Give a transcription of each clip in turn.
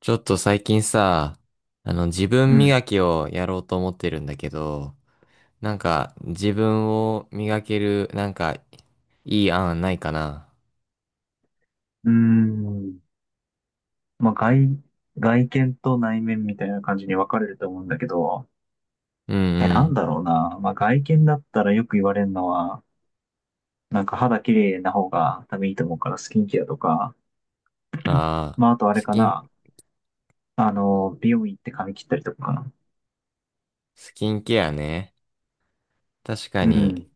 ちょっと最近さ、自う分ん。磨きをやろうと思ってるんだけど、自分を磨ける、いい案ないかな。うーん。まあ、外見と内面みたいな感じに分かれると思うんだけど、うんうなんん。だろうな。まあ、外見だったらよく言われるのは、なんか肌綺麗な方が多分いいと思うからスキンケアとか、ああ、まあ、あとあれスかキン、な。美容院行って髪切ったりとかかな。スキンケアね。確かうに、ん。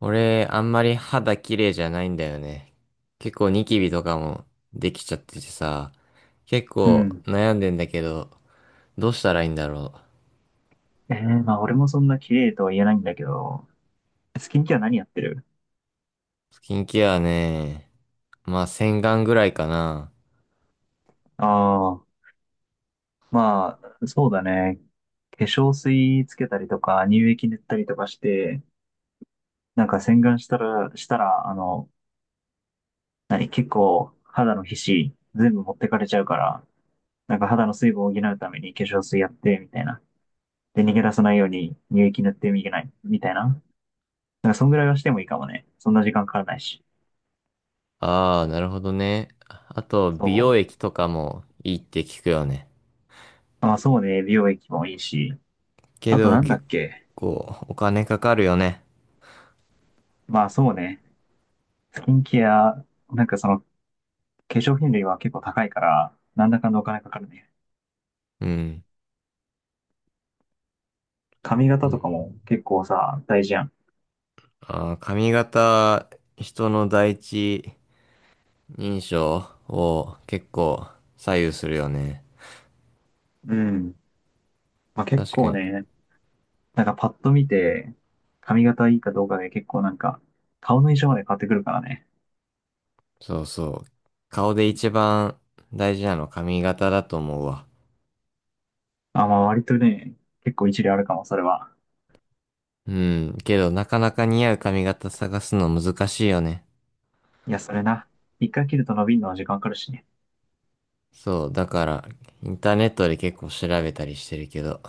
俺あんまり肌綺麗じゃないんだよね。結構ニキビとかもできちゃっててさ、結う構ん。悩んでんだけど、どうしたらいいんだろまあ、俺もそんな綺麗とは言えないんだけど、スキンケア何やってる？う。スキンケアね。まあ洗顔ぐらいかな。ああ、まあ、そうだね。化粧水つけたりとか、乳液塗ったりとかして、なんか洗顔したら、何、結構肌の皮脂全部持ってかれちゃうから、なんか肌の水分を補うために化粧水やって、みたいな。で、逃げ出さないように乳液塗ってみない、みたいな。なんかそんぐらいはしてもいいかもね。そんな時間かからないし。ああ、なるほどね。あと、そ美容液とかもいいって聞くよね。う。まあ、そうね、美容液もいいし。けあとど、なんだっ結け。構お金かかるよね。まあ、そうね、スキンケア、なんかその化粧品類は結構高いから、なんだかんだお金かかるね。うん。髪う型とかん。も結構さ、大事やん。ああ、髪型、人の第一印象を結構左右するよね。うん。まあ結確か構に。ね、なんかパッと見て、髪型いいかどうかで結構なんか、顔の印象まで変わってくるからね。そうそう。顔で一番大事なの髪型だと思うわ。あ、まあ割とね、結構一理あるかも、それは。うん。けど、なかなか似合う髪型探すの難しいよね。いや、それな。一回切ると伸びるのは時間かかるしね。そう、だから、インターネットで結構調べたりしてるけど。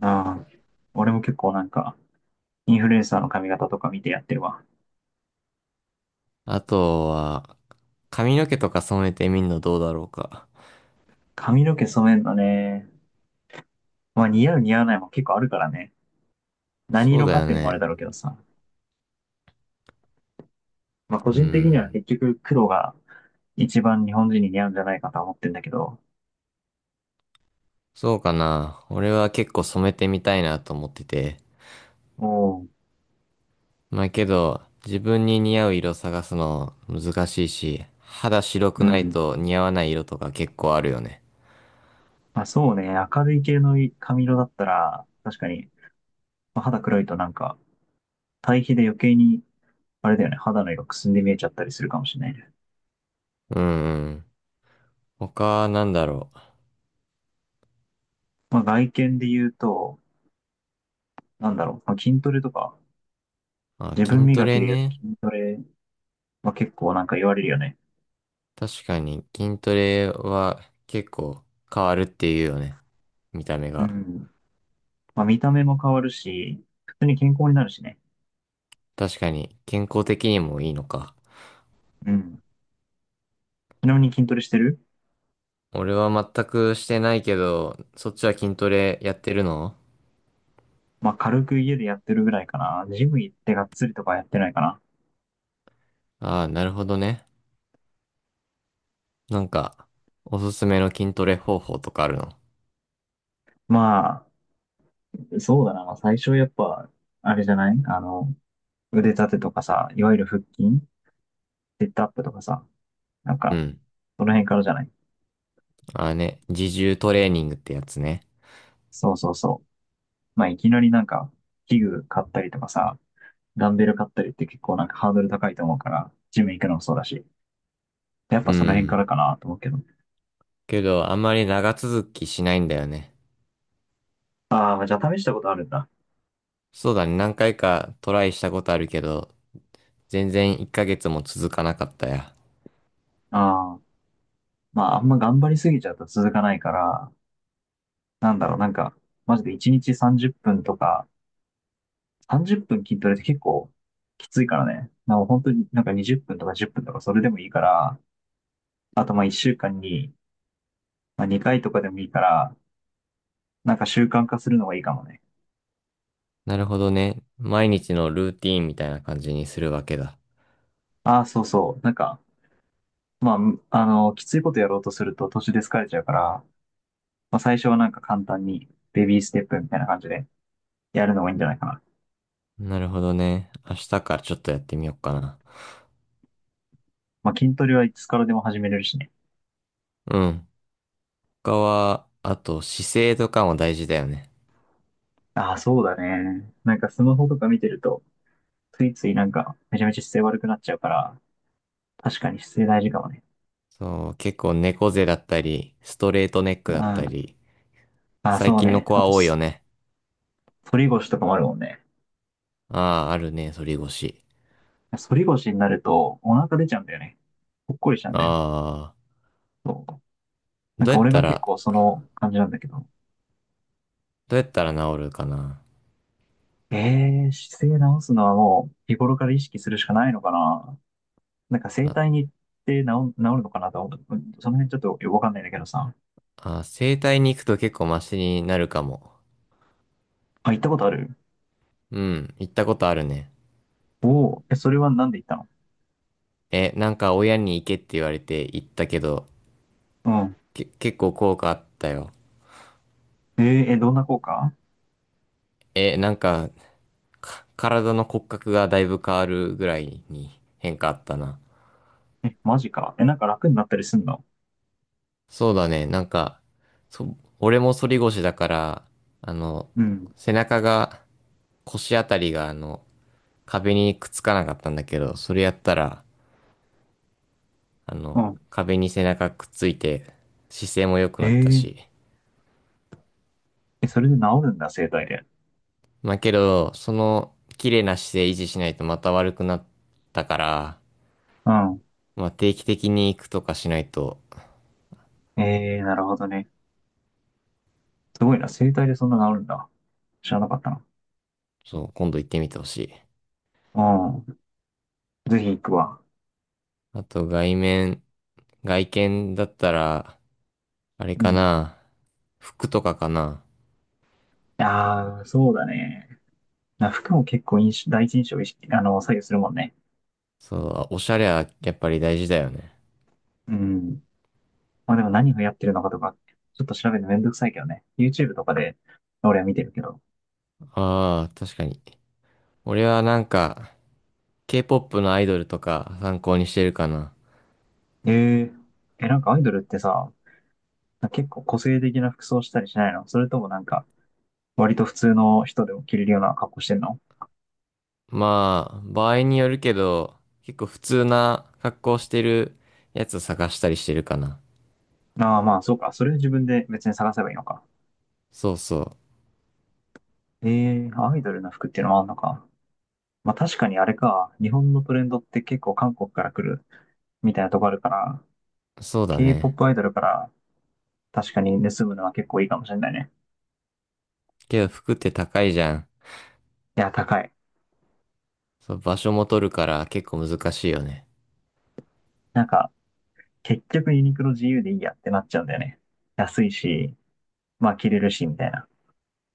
ああ、俺も結構なんか、インフルエンサーの髪型とか見てやってるわ。あとは、髪の毛とか染めてみんのどうだろうか。髪の毛染めんのね。まあ似合う似合わないも結構あるからね。何そう色だかっよていうのもあれね。だろうけどさ。まあ個う人的にはん。結局黒が一番日本人に似合うんじゃないかとは思ってんだけど。そうかな。俺は結構染めてみたいなと思ってて。おお、まあけど、自分に似合う色探すの難しいし、肌白くうないん。と似合わない色とか結構あるよね。まあ、そうね。明るい系の髪色だったら、確かに、まあ肌黒いとなんか、対比で余計に、あれだよね、肌の色くすんで見えちゃったりするかもしれないね。うんうん。他なんだろう。まあ、外見で言うと、なんだろう、まあ、筋トレとか、あ、自分筋ト磨レきで言うとね。筋トレは結構なんか言われるよね。確かに筋トレは結構変わるっていうよね。見た目うが。ん。まあ、見た目も変わるし、普通に健康になるしね。確かに健康的にもいいのか。うん。ちなみに筋トレしてる？俺は全くしてないけど、そっちは筋トレやってるの？まあ、軽く家でやってるぐらいかな。ジム行ってがっつりとかやってないかな。ああー、なるほどね。なんか、おすすめの筋トレ方法とかあるの？まあ、そうだな。まあ、最初やっぱ、あれじゃない？腕立てとかさ、いわゆる腹筋、セットアップとかさ、なんうか、ん。その辺からじゃない？ああね、自重トレーニングってやつね。そうそうそう。まあ、いきなりなんか、器具買ったりとかさ、ダンベル買ったりって結構なんかハードル高いと思うから、ジム行くのもそうだし、やっうぱその辺からん。かなと思うけど。けど、あんまり長続きしないんだよね。ああ、じゃあ試したことあるんだ。そうだね、何回かトライしたことあるけど、全然1ヶ月も続かなかったや。ああ、まあ、あんま頑張りすぎちゃうと続かないから、なんだろう、なんか、マジで1日30分とか、30分筋トレって結構きついからね。なんか本当になんか20分とか10分とかそれでもいいから、あとまあ1週間にまあ、2回とかでもいいから、なんか習慣化するのがいいかもね。なるほどね。毎日のルーティーンみたいな感じにするわけだ。ああ、そうそう。なんか、まあ、むあの、きついことやろうとすると途中で疲れちゃうから、まあ、最初はなんか簡単にベビーステップみたいな感じでやるのがいいんじゃないかな。なるほどね。明日からちょっとやってみようかな。まあ、筋トレはいつからでも始めれるしね。うん。他は、あと姿勢とかも大事だよね。ああ、そうだね。なんかスマホとか見てると、ついついなんかめちゃめちゃ姿勢悪くなっちゃうから、確かに姿勢大事かもね。そう、結構猫背だったり、ストレートネックだったあり、あ、ああ、最そう近のね。子あはと多いよね。反り腰とかもあるもんね。ああ、あるね、反り腰。反り腰になるとお腹出ちゃうんだよね。ぽっこりしちゃうんだよ。ああ、そう、なんどうかやっ俺たが結ら、構その感じなんだけど。どうやったら治るかな。姿勢直すのはもう日頃から意識するしかないのかな。なんか整あ、体に行って治るのかなと思った。うん、その辺ちょっとよくわかんないんだけどさ。あ、整体に行くと結構マシになるかも。あ、行ったことある？うん、行ったことあるね。おおー、それはなんで行ったの？え、なんか親に行けって言われて行ったけど、うん。結構効果あったよ。えどんな効果？え、なんか、体の骨格がだいぶ変わるぐらいに変化あったな。え、マジか。え、なんか楽になったりすんの？そうだね、なんか、俺も反り腰だから、あの、うん。背中が、腰あたりが、壁にくっつかなかったんだけど、それやったら、あの、うん。壁に背中くっついて、姿勢も良くえなったー、し。それで治るんだ、整体で。まあけど、その、綺麗な姿勢維持しないとまた悪くなったから、うん。まあ定期的に行くとかしないと、なるほどね。すごいな、整体でそんな治るんだ。知らなかったな。そう、今度行ってみてほしい。うん。ぜひ行くわ。あと、外見だったら、あれうかん。な。服とかかな。ああ、そうだね。服も結構印象、第一印象を意識、左右するもんね。そう、おしゃれはやっぱり大事だよね。うん。まあでも何がやってるのかとか、ちょっと調べるのめんどくさいけどね。YouTube とかで俺は見てるけど。ああ、確かに。俺はなんか、K-POP のアイドルとか参考にしてるかな。ええ、なんかアイドルってさ、結構個性的な服装したりしないの？それともなんか、割と普通の人でも着れるような格好してんの？まあ、場合によるけど、結構普通な格好してるやつ探したりしてるかな。ああ、まあそうか。それは自分で別に探せばいいのか。そうそええ、アイドルの服っていうのもあんのか。まあ確かにあれか。日本のトレンドって結構韓国から来るみたいなとこあるから、う。そうだね。K-POP アイドルから確かに盗むのは結構いいかもしれないね。けど服って高いじゃん。いや、高い。そう、場所も取るから結構難しいよね。なんか、結局ユニクロ自由でいいやってなっちゃうんだよね。安いし、まあ着れるし、みたいな。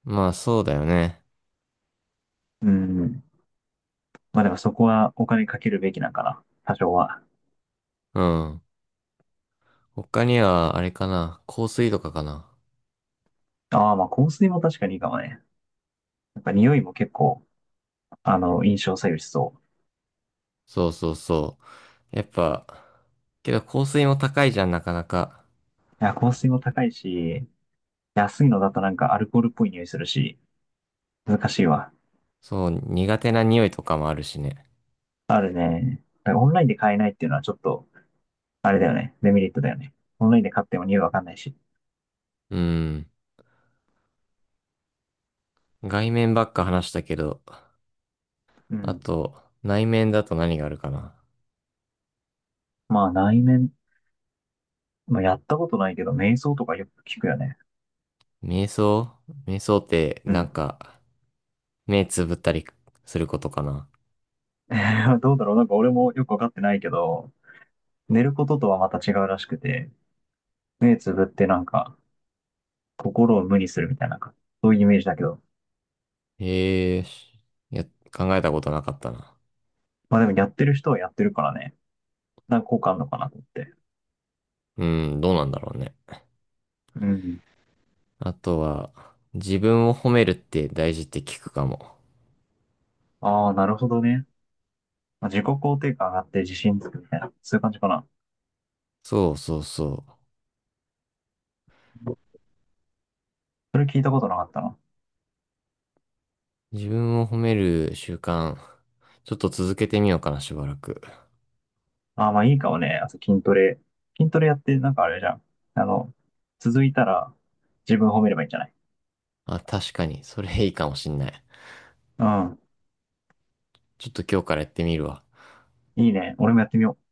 まあそうだよね。うん。まあでもそこはお金かけるべきなんかな。多少は。うん。他には、あれかな。香水とかかな。ああ、まあ香水も確かにいいかもね。やっぱ匂いも結構、印象左右しそう。そうそうそう。やっぱ、けど香水も高いじゃん、なかなか。いや、香水も高いし、安いのだとなんかアルコールっぽい匂いするし、難しいわ。そう、苦手な匂いとかもあるしね。あるね。だからオンラインで買えないっていうのはちょっとあれだよね。デメリットだよね。オンラインで買っても匂いわかんないし。うん。外面ばっか話したけど、うあん。と、内面だと何があるかな。まあ内面、まあ、やったことないけど、瞑想とかよく聞くよね。瞑想瞑想って、うなんん。か、目つぶったりすることかな。どうだろう、なんか俺もよくわかってないけど、寝ることとはまた違うらしくて、目つぶってなんか心を無にするみたいな、そういうイメージだけど。へえ、しいや、考えたことなかったな。まあでもやってる人はやってるからね。なんか効果あるのかなと思って。うん、どうなんだろうね。うん。あとは、自分を褒めるって大事って聞くかも。ああ、なるほどね。まあ、自己肯定感上がって自信つくみたいな、そういう感じかな。そうそうそそれ聞いたことなかったな。う。自分を褒める習慣、ちょっと続けてみようかな、しばらく。ああ、まあいいかもね。あと筋トレ。筋トレやって、なんかあれじゃん。あの、続いたら自分褒めればいいんじゃない？あ、確かに、それいいかもしんない。うん。ちょっと今日からやってみるわ。いいね。俺もやってみよう。